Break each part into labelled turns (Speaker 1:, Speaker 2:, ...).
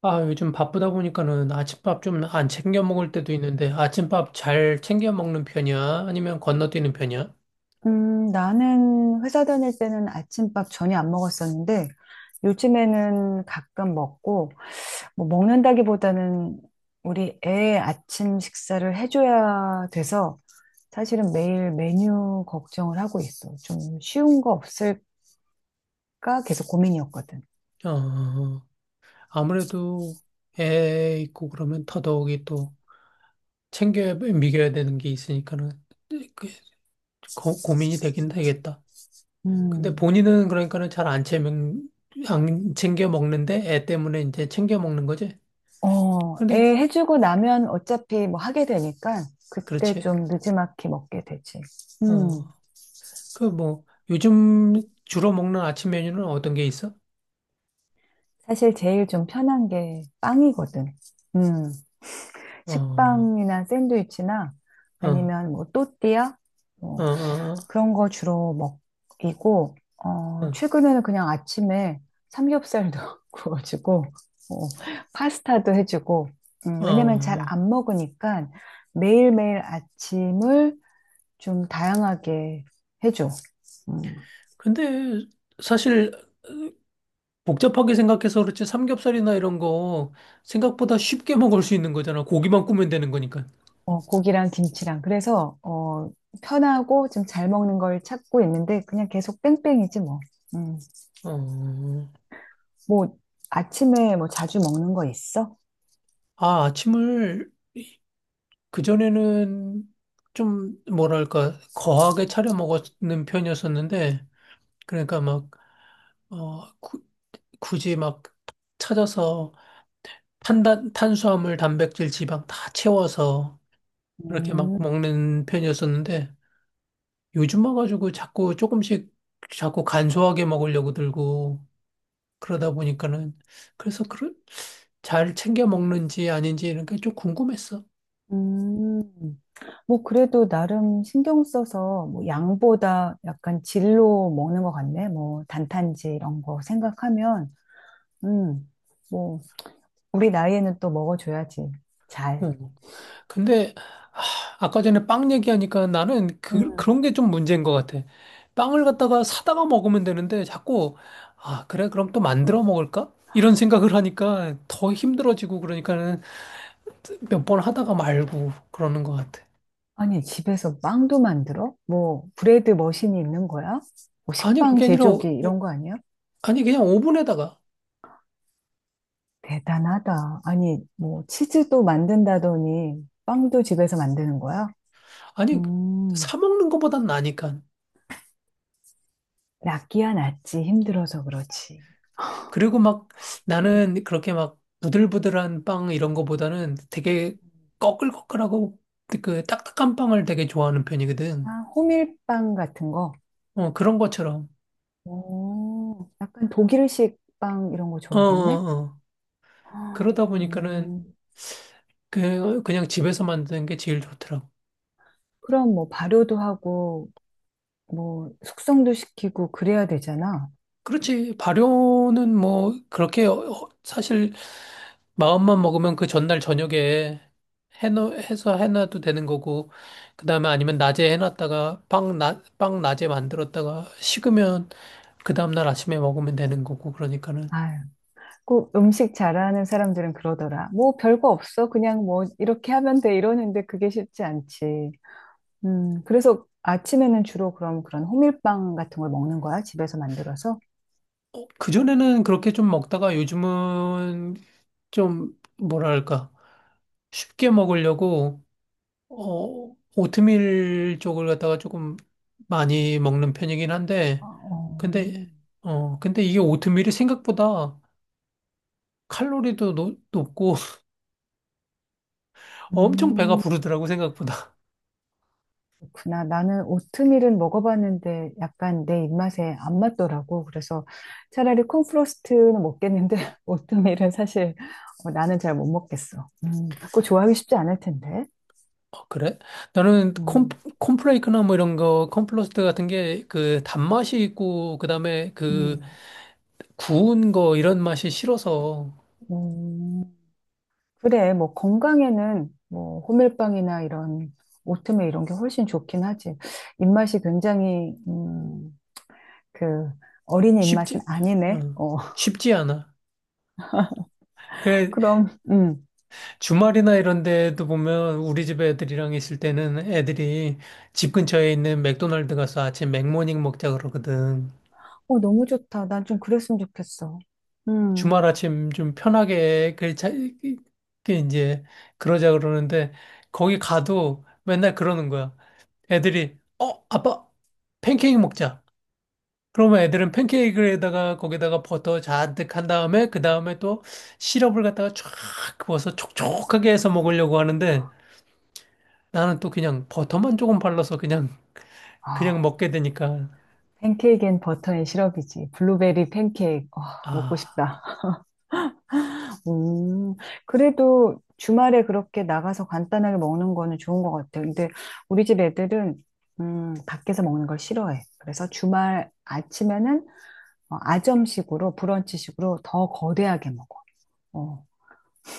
Speaker 1: 아, 요즘 바쁘다 보니까는 아침밥 좀 안 챙겨 먹을 때도 있는데 아침밥 잘 챙겨 먹는 편이야? 아니면 건너뛰는 편이야?
Speaker 2: 나는 회사 다닐 때는 아침밥 전혀 안 먹었었는데, 요즘에는 가끔 먹고, 뭐 먹는다기보다는 우리 애 아침 식사를 해줘야 돼서, 사실은 매일 메뉴 걱정을 하고 있어. 좀 쉬운 거 없을까? 계속 고민이었거든.
Speaker 1: 어, 아무래도 애 있고 그러면 더더욱이 또 챙겨 미겨야 되는 게 있으니까는 그 고민이 되긴 되겠다. 근데
Speaker 2: 음,
Speaker 1: 본인은 그러니까는 잘 안 챙겨, 안 챙겨 먹는데 애 때문에 이제 챙겨 먹는 거지? 근데,
Speaker 2: 애 해주고 나면 어차피 뭐 하게 되니까, 그때
Speaker 1: 그렇지.
Speaker 2: 좀 느지막이 먹게 되지. 음,
Speaker 1: 어, 그 뭐, 요즘 주로 먹는 아침 메뉴는 어떤 게 있어?
Speaker 2: 사실 제일 좀 편한 게 빵이거든. 음.
Speaker 1: 어, 어,
Speaker 2: 식빵이나 샌드위치나 아니면 뭐 또띠아
Speaker 1: 어,
Speaker 2: 뭐
Speaker 1: 어, 어,
Speaker 2: 그런 거 주로 먹이고
Speaker 1: 어.
Speaker 2: 최근에는 그냥 아침에 삼겹살도 구워주고 어, 파스타도 해주고 왜냐면 잘
Speaker 1: 어.
Speaker 2: 안 먹으니까 매일매일 아침을 좀 다양하게 해줘. 음,
Speaker 1: 근데 사실 복잡하게 생각해서 그렇지 삼겹살이나 이런 거 생각보다 쉽게 먹을 수 있는 거잖아. 고기만 구면 되는 거니까.
Speaker 2: 고기랑 김치랑 그래서 편하고 좀 잘 먹는 걸 찾고 있는데 그냥 계속 뺑뺑이지 뭐. 음.
Speaker 1: 어,
Speaker 2: 뭐 아침에 뭐 자주 먹는 거 있어?
Speaker 1: 아, 아침을 그전에는 좀 뭐랄까 거하게 차려 먹는 편이었었는데 그러니까 막 어, 구- 굳이 막 찾아서 탄단 탄수화물, 단백질, 지방 다 채워서 그렇게 막
Speaker 2: 음,
Speaker 1: 먹는 편이었었는데 요즘 와가지고 자꾸 조금씩 자꾸 간소하게 먹으려고 들고 그러다 보니까는 그래서 그런 잘 챙겨 먹는지 아닌지 이런 게 좀 궁금했어.
Speaker 2: 음. 뭐 그래도 나름 신경 써서 뭐 양보다 약간 질로 먹는 것 같네. 뭐 단탄지 이런 거 생각하면, 음, 뭐 우리 나이에는 또 먹어줘야지. 잘.
Speaker 1: 어. 근데 아, 아까 전에 빵 얘기하니까 나는 그,
Speaker 2: 음.
Speaker 1: 그런 게 좀 문제인 것 같아. 빵을 갖다가 사다가 먹으면 되는데 자꾸 아, 그래? 그럼 또 만들어 먹을까? 이런 생각을 하니까 더 힘들어지고 그러니까는 몇 번 하다가 말고 그러는 것 같아.
Speaker 2: 아니, 집에서 빵도 만들어? 뭐 브레드 머신이 있는 거야? 뭐
Speaker 1: 아니,
Speaker 2: 식빵 제조기 이런 거 아니야?
Speaker 1: 아니 그냥 오븐에다가
Speaker 2: 대단하다. 아니, 뭐 치즈도 만든다더니 빵도 집에서 만드는 거야?
Speaker 1: 아니
Speaker 2: 음,
Speaker 1: 사 먹는 것보단 나니까.
Speaker 2: 낫기야 낫지. 힘들어서 그렇지.
Speaker 1: 그리고 막
Speaker 2: 음.
Speaker 1: 나는 그렇게 막 부들부들한 빵 이런 거보다는 되게 꺼끌꺼끌하고 그 딱딱한 빵을 되게 좋아하는 편이거든.
Speaker 2: 아, 호밀빵 같은 거.
Speaker 1: 어, 그런 것처럼.
Speaker 2: 오, 약간 독일식 빵 이런 거
Speaker 1: 어, 어,
Speaker 2: 좋아하겠네?
Speaker 1: 어.
Speaker 2: 아,
Speaker 1: 그러다 보니까는
Speaker 2: 음,
Speaker 1: 그냥 집에서 만드는 게 제일 좋더라고.
Speaker 2: 그럼 뭐 발효도 하고, 뭐 숙성도 시키고 그래야 되잖아.
Speaker 1: 그렇지. 발효는 뭐 그렇게 사실 마음만 먹으면 그 전날 저녁에 해서 해놔도 되는 거고 그다음에 아니면 낮에 해놨다가 빵 낮에 만들었다가 식으면 그 다음날 아침에 먹으면 되는 거고 그러니까는
Speaker 2: 아유, 꼭 음식 잘하는 사람들은 그러더라. 뭐 별거 없어. 그냥 뭐 이렇게 하면 돼. 이러는데 그게 쉽지 않지. 그래서 아침에는 주로 그럼 그런 호밀빵 같은 걸 먹는 거야? 집에서 만들어서?
Speaker 1: 어, 그전에는 그렇게 좀 먹다가 요즘은 좀 뭐랄까 쉽게 먹으려고 어, 오트밀 쪽을 갖다가 조금 많이 먹는 편이긴
Speaker 2: 아,
Speaker 1: 한데, 근데,
Speaker 2: 어.
Speaker 1: 어, 근데 이게 오트밀이 생각보다 높고 엄청 배가
Speaker 2: 음,
Speaker 1: 부르더라고, 생각보다.
Speaker 2: 그렇구나. 나는 오트밀은 먹어봤는데 약간 내 입맛에 안 맞더라고. 그래서 차라리 콘프로스트는 먹겠는데 오트밀은 사실 나는 잘 못 먹겠어. 그거 좋아하기 쉽지 않을 텐데.
Speaker 1: 어, 그래? 나는 콘,
Speaker 2: 음,
Speaker 1: 콘플레이크나 뭐 이런 거, 콘플러스트 같은 게 그 단맛이 있고, 그 다음에 그
Speaker 2: 음,
Speaker 1: 구운 거 이런 맛이 싫어서
Speaker 2: 음. 그래, 뭐 건강에는 뭐 호밀빵이나 이런 오트밀 이런 게 훨씬 좋긴 하지. 입맛이 굉장히 그 어린이 입맛은
Speaker 1: 쉽지,
Speaker 2: 아니네.
Speaker 1: 어, 쉽지 않아. 그래,
Speaker 2: 그럼
Speaker 1: 주말이나 이런 데도 보면 우리 집 애들이랑 있을 때는 애들이 집 근처에 있는 맥도날드 가서 아침 맥모닝 먹자 그러거든.
Speaker 2: 어, 너무 좋다. 난 좀 그랬으면 좋겠어. 음.
Speaker 1: 주말 아침 좀 편하게 이제 그러자 그러는데 거기 가도 맨날 그러는 거야. 애들이 어 아빠 팬케이크 먹자. 그러면 애들은 팬케이크에다가 거기다가 버터 잔뜩 한 다음에 그 다음에 또 시럽을 갖다가 쫙 부어서 촉촉하게 해서 먹으려고 하는데 나는 또 그냥 버터만 조금 발라서 그냥 그냥
Speaker 2: 아,
Speaker 1: 먹게 되니까
Speaker 2: 팬케이크엔 버터 앤 시럽이지. 블루베리 팬케이크. 아, 먹고
Speaker 1: 아,
Speaker 2: 싶다. 음. 그래도 주말에 그렇게 나가서 간단하게 먹는 거는 좋은 것 같아. 근데 우리 집 애들은 밖에서 먹는 걸 싫어해. 그래서 주말 아침에는 아점식으로 브런치식으로 더 거대하게 먹어. 어.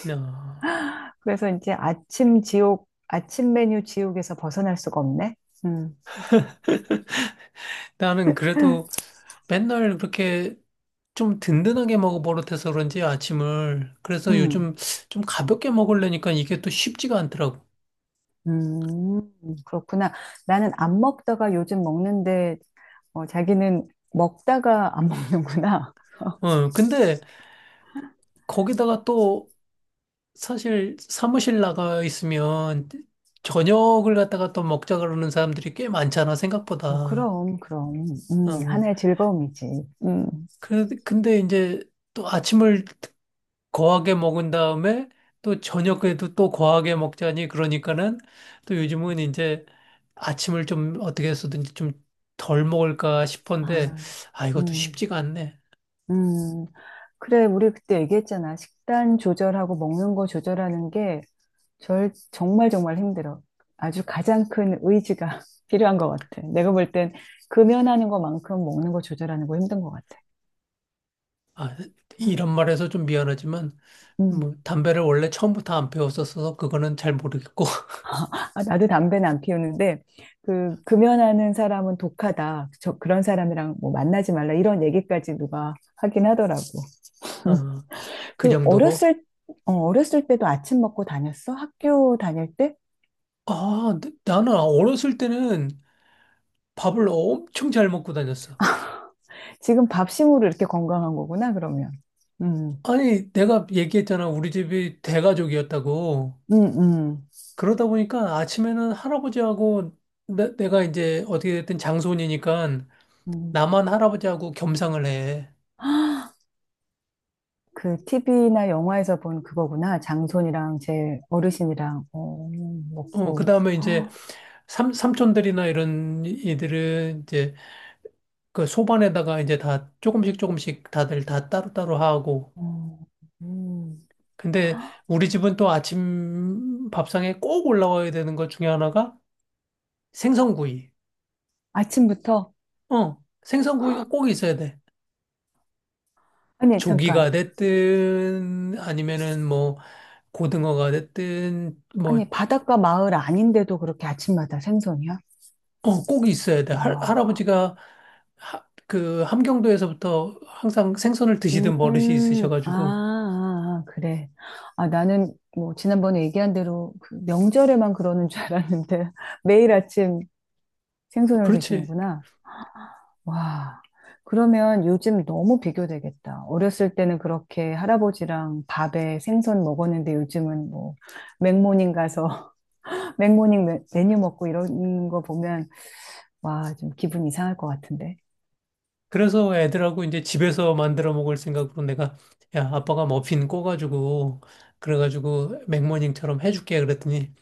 Speaker 1: 나
Speaker 2: 그래서 이제 아침 지옥, 아침 메뉴 지옥에서 벗어날 수가 없네. 음.
Speaker 1: 나는 그래도 맨날 그렇게 좀 든든하게 먹어 버릇해서 그런지 아침을 그래서
Speaker 2: 음.
Speaker 1: 요즘 좀 가볍게 먹으려니까 이게 또 쉽지가 않더라고.
Speaker 2: 음, 그렇구나. 나는 안 먹다가 요즘 먹는데, 자기는 먹다가 안 먹는구나.
Speaker 1: 어, 근데 거기다가 또 사실 사무실 나가 있으면 저녁을 갖다가 또 먹자 그러는 사람들이 꽤 많잖아
Speaker 2: 어,
Speaker 1: 생각보다.
Speaker 2: 그럼, 그럼.
Speaker 1: 어,
Speaker 2: 하나의 즐거움이지.
Speaker 1: 그 근데 이제 또 아침을 거하게 먹은 다음에 또 저녁에도 또 거하게 먹자니 그러니까는 또 요즘은 이제 아침을 좀 어떻게 해서든지 좀 덜 먹을까 싶은데
Speaker 2: 아,
Speaker 1: 아 이것도
Speaker 2: 음,
Speaker 1: 쉽지가 않네.
Speaker 2: 음. 그래, 우리 그때 얘기했잖아. 식단 조절하고 먹는 거 조절하는 게 정말 정말 힘들어. 아주 가장 큰 의지가 필요한 것 같아. 내가 볼 땐 금연하는 것만큼 먹는 거 조절하는 거 힘든 것 같아.
Speaker 1: 아 이런 말해서 좀 미안하지만
Speaker 2: 음,
Speaker 1: 뭐 담배를 원래 처음부터 안 피웠었어서 그거는 잘 모르겠고
Speaker 2: 나도 담배는 안 피우는데, 그, 금연하는 사람은 독하다. 그런 사람이랑 뭐 만나지 말라. 이런 얘기까지 누가 하긴 하더라고.
Speaker 1: 어, 그
Speaker 2: 그,
Speaker 1: 정도로
Speaker 2: 어렸을, 어렸을 때도 아침 먹고 다녔어? 학교 다닐 때?
Speaker 1: 아 나는 어렸을 때는 밥을 엄청 잘 먹고 다녔어.
Speaker 2: 지금 밥심으로 이렇게 건강한 거구나, 그러면. 음,
Speaker 1: 아니 내가 얘기했잖아 우리 집이 대가족이었다고.
Speaker 2: 음, 음,
Speaker 1: 그러다 보니까 아침에는 할아버지하고 내가 이제 어떻게 됐든 장손이니까
Speaker 2: 음.
Speaker 1: 나만 할아버지하고 겸상을 해.
Speaker 2: 그, TV나 영화에서 본 그거구나. 장손이랑 제 어르신이랑,
Speaker 1: 어, 그
Speaker 2: 먹고.
Speaker 1: 다음에 이제 삼촌들이나 이런 이들은 이제 그 소반에다가 이제 다 조금씩 조금씩 다들 다 따로따로 하고.
Speaker 2: 어, 음.
Speaker 1: 근데 우리 집은 또 아침 밥상에 꼭 올라와야 되는 것 중에 하나가 생선구이.
Speaker 2: 아침부터?
Speaker 1: 어, 생선구이가 꼭 있어야 돼.
Speaker 2: 아니, 잠깐.
Speaker 1: 조기가 됐든 아니면은 뭐 고등어가 됐든 뭐
Speaker 2: 아니, 바닷가 마을 아닌데도 그렇게 아침마다 생선이야?
Speaker 1: 어, 꼭 있어야 돼.
Speaker 2: 와.
Speaker 1: 그 함경도에서부터 항상 생선을 드시던 버릇이
Speaker 2: 아,
Speaker 1: 있으셔가지고
Speaker 2: 아, 아, 그래. 아, 나는 뭐 지난번에 얘기한 대로 그 명절에만 그러는 줄 알았는데 매일 아침 생선을
Speaker 1: 그렇지.
Speaker 2: 드시는구나. 와. 그러면 요즘 너무 비교되겠다. 어렸을 때는 그렇게 할아버지랑 밥에 생선 먹었는데 요즘은 뭐 맥모닝 가서 맥모닝 메- 메뉴 먹고 이런 거 보면 와, 좀 기분 이상할 것 같은데.
Speaker 1: 그래서 애들하고 이제 집에서 만들어 먹을 생각으로 내가 야 아빠가 머핀 꼬가지고 그래가지고 맥모닝처럼 해줄게 그랬더니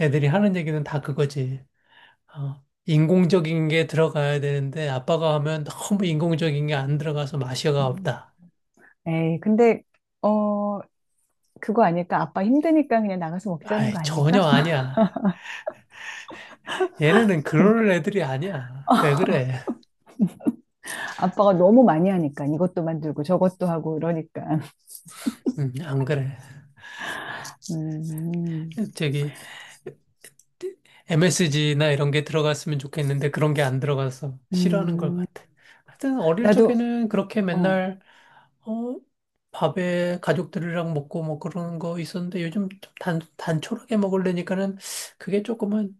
Speaker 1: 애들이 하는 얘기는 다 그거지. 어, 인공적인 게 들어가야 되는데 아빠가 하면 너무 인공적인 게 안 들어가서 맛이가
Speaker 2: 음.
Speaker 1: 없다.
Speaker 2: 에이, 근데, 어, 그거 아닐까? 아빠 힘드니까 그냥 나가서 먹자는
Speaker 1: 아이
Speaker 2: 거 아닐까?
Speaker 1: 전혀 아니야. 얘네는 그럴 애들이 아니야. 왜 그래?
Speaker 2: 아빠가 너무 많이 하니까 이것도 만들고 저것도 하고 이러니까.
Speaker 1: 안 그래.
Speaker 2: 음,
Speaker 1: 저기 MSG나 이런 게 들어갔으면 좋겠는데 그런 게 안 들어가서 싫어하는 걸
Speaker 2: 음,
Speaker 1: 같아. 하여튼 어릴
Speaker 2: 나도,
Speaker 1: 적에는 그렇게
Speaker 2: 어,
Speaker 1: 맨날 어 밥에 가족들이랑 먹고 뭐 그러는 거 있었는데 요즘 좀 단촐하게 먹으려니까는 그게 조금은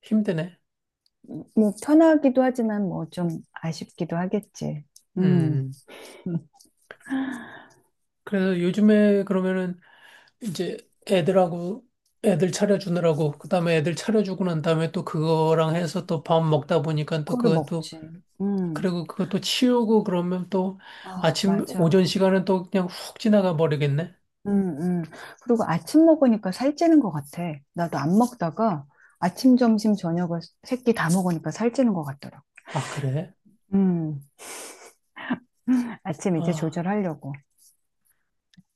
Speaker 1: 힘드네.
Speaker 2: 뭐 편하기도 하지만 뭐 좀 아쉽기도 하겠지. 음,
Speaker 1: 음. 그래서 요즘에 그러면은 이제 애들하고 애들 차려주느라고 그다음에 애들 차려주고 난 다음에 또 그거랑 해서 또 밥 먹다 보니까 또
Speaker 2: 그거를
Speaker 1: 그것도
Speaker 2: 먹지. 음,
Speaker 1: 그리고 그것도 치우고 그러면 또
Speaker 2: 아,
Speaker 1: 아침 오전
Speaker 2: 맞아.
Speaker 1: 시간은 또 그냥 훅 지나가 버리겠네.
Speaker 2: 음, 음. 그리고 아침 먹으니까 살찌는 것 같아. 나도 안 먹다가 아침, 점심, 저녁을 세끼 다 먹으니까 살찌는 것 같더라고.
Speaker 1: 아, 그래?
Speaker 2: 음. 아침 이제
Speaker 1: 아,
Speaker 2: 조절하려고.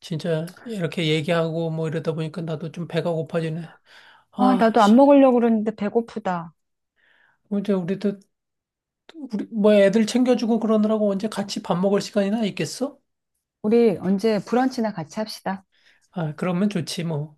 Speaker 1: 진짜 이렇게 얘기하고 뭐 이러다 보니까 나도 좀 배가 고파지네.
Speaker 2: 아,
Speaker 1: 아,
Speaker 2: 나도
Speaker 1: 씨.
Speaker 2: 안 먹으려고 그러는데 배고프다.
Speaker 1: 뭐 이제 우리도 우리 뭐 애들 챙겨주고 그러느라고 언제 같이 밥 먹을 시간이나 있겠어?
Speaker 2: 우리 언제 브런치나 같이 합시다.
Speaker 1: 아, 그러면 좋지 뭐.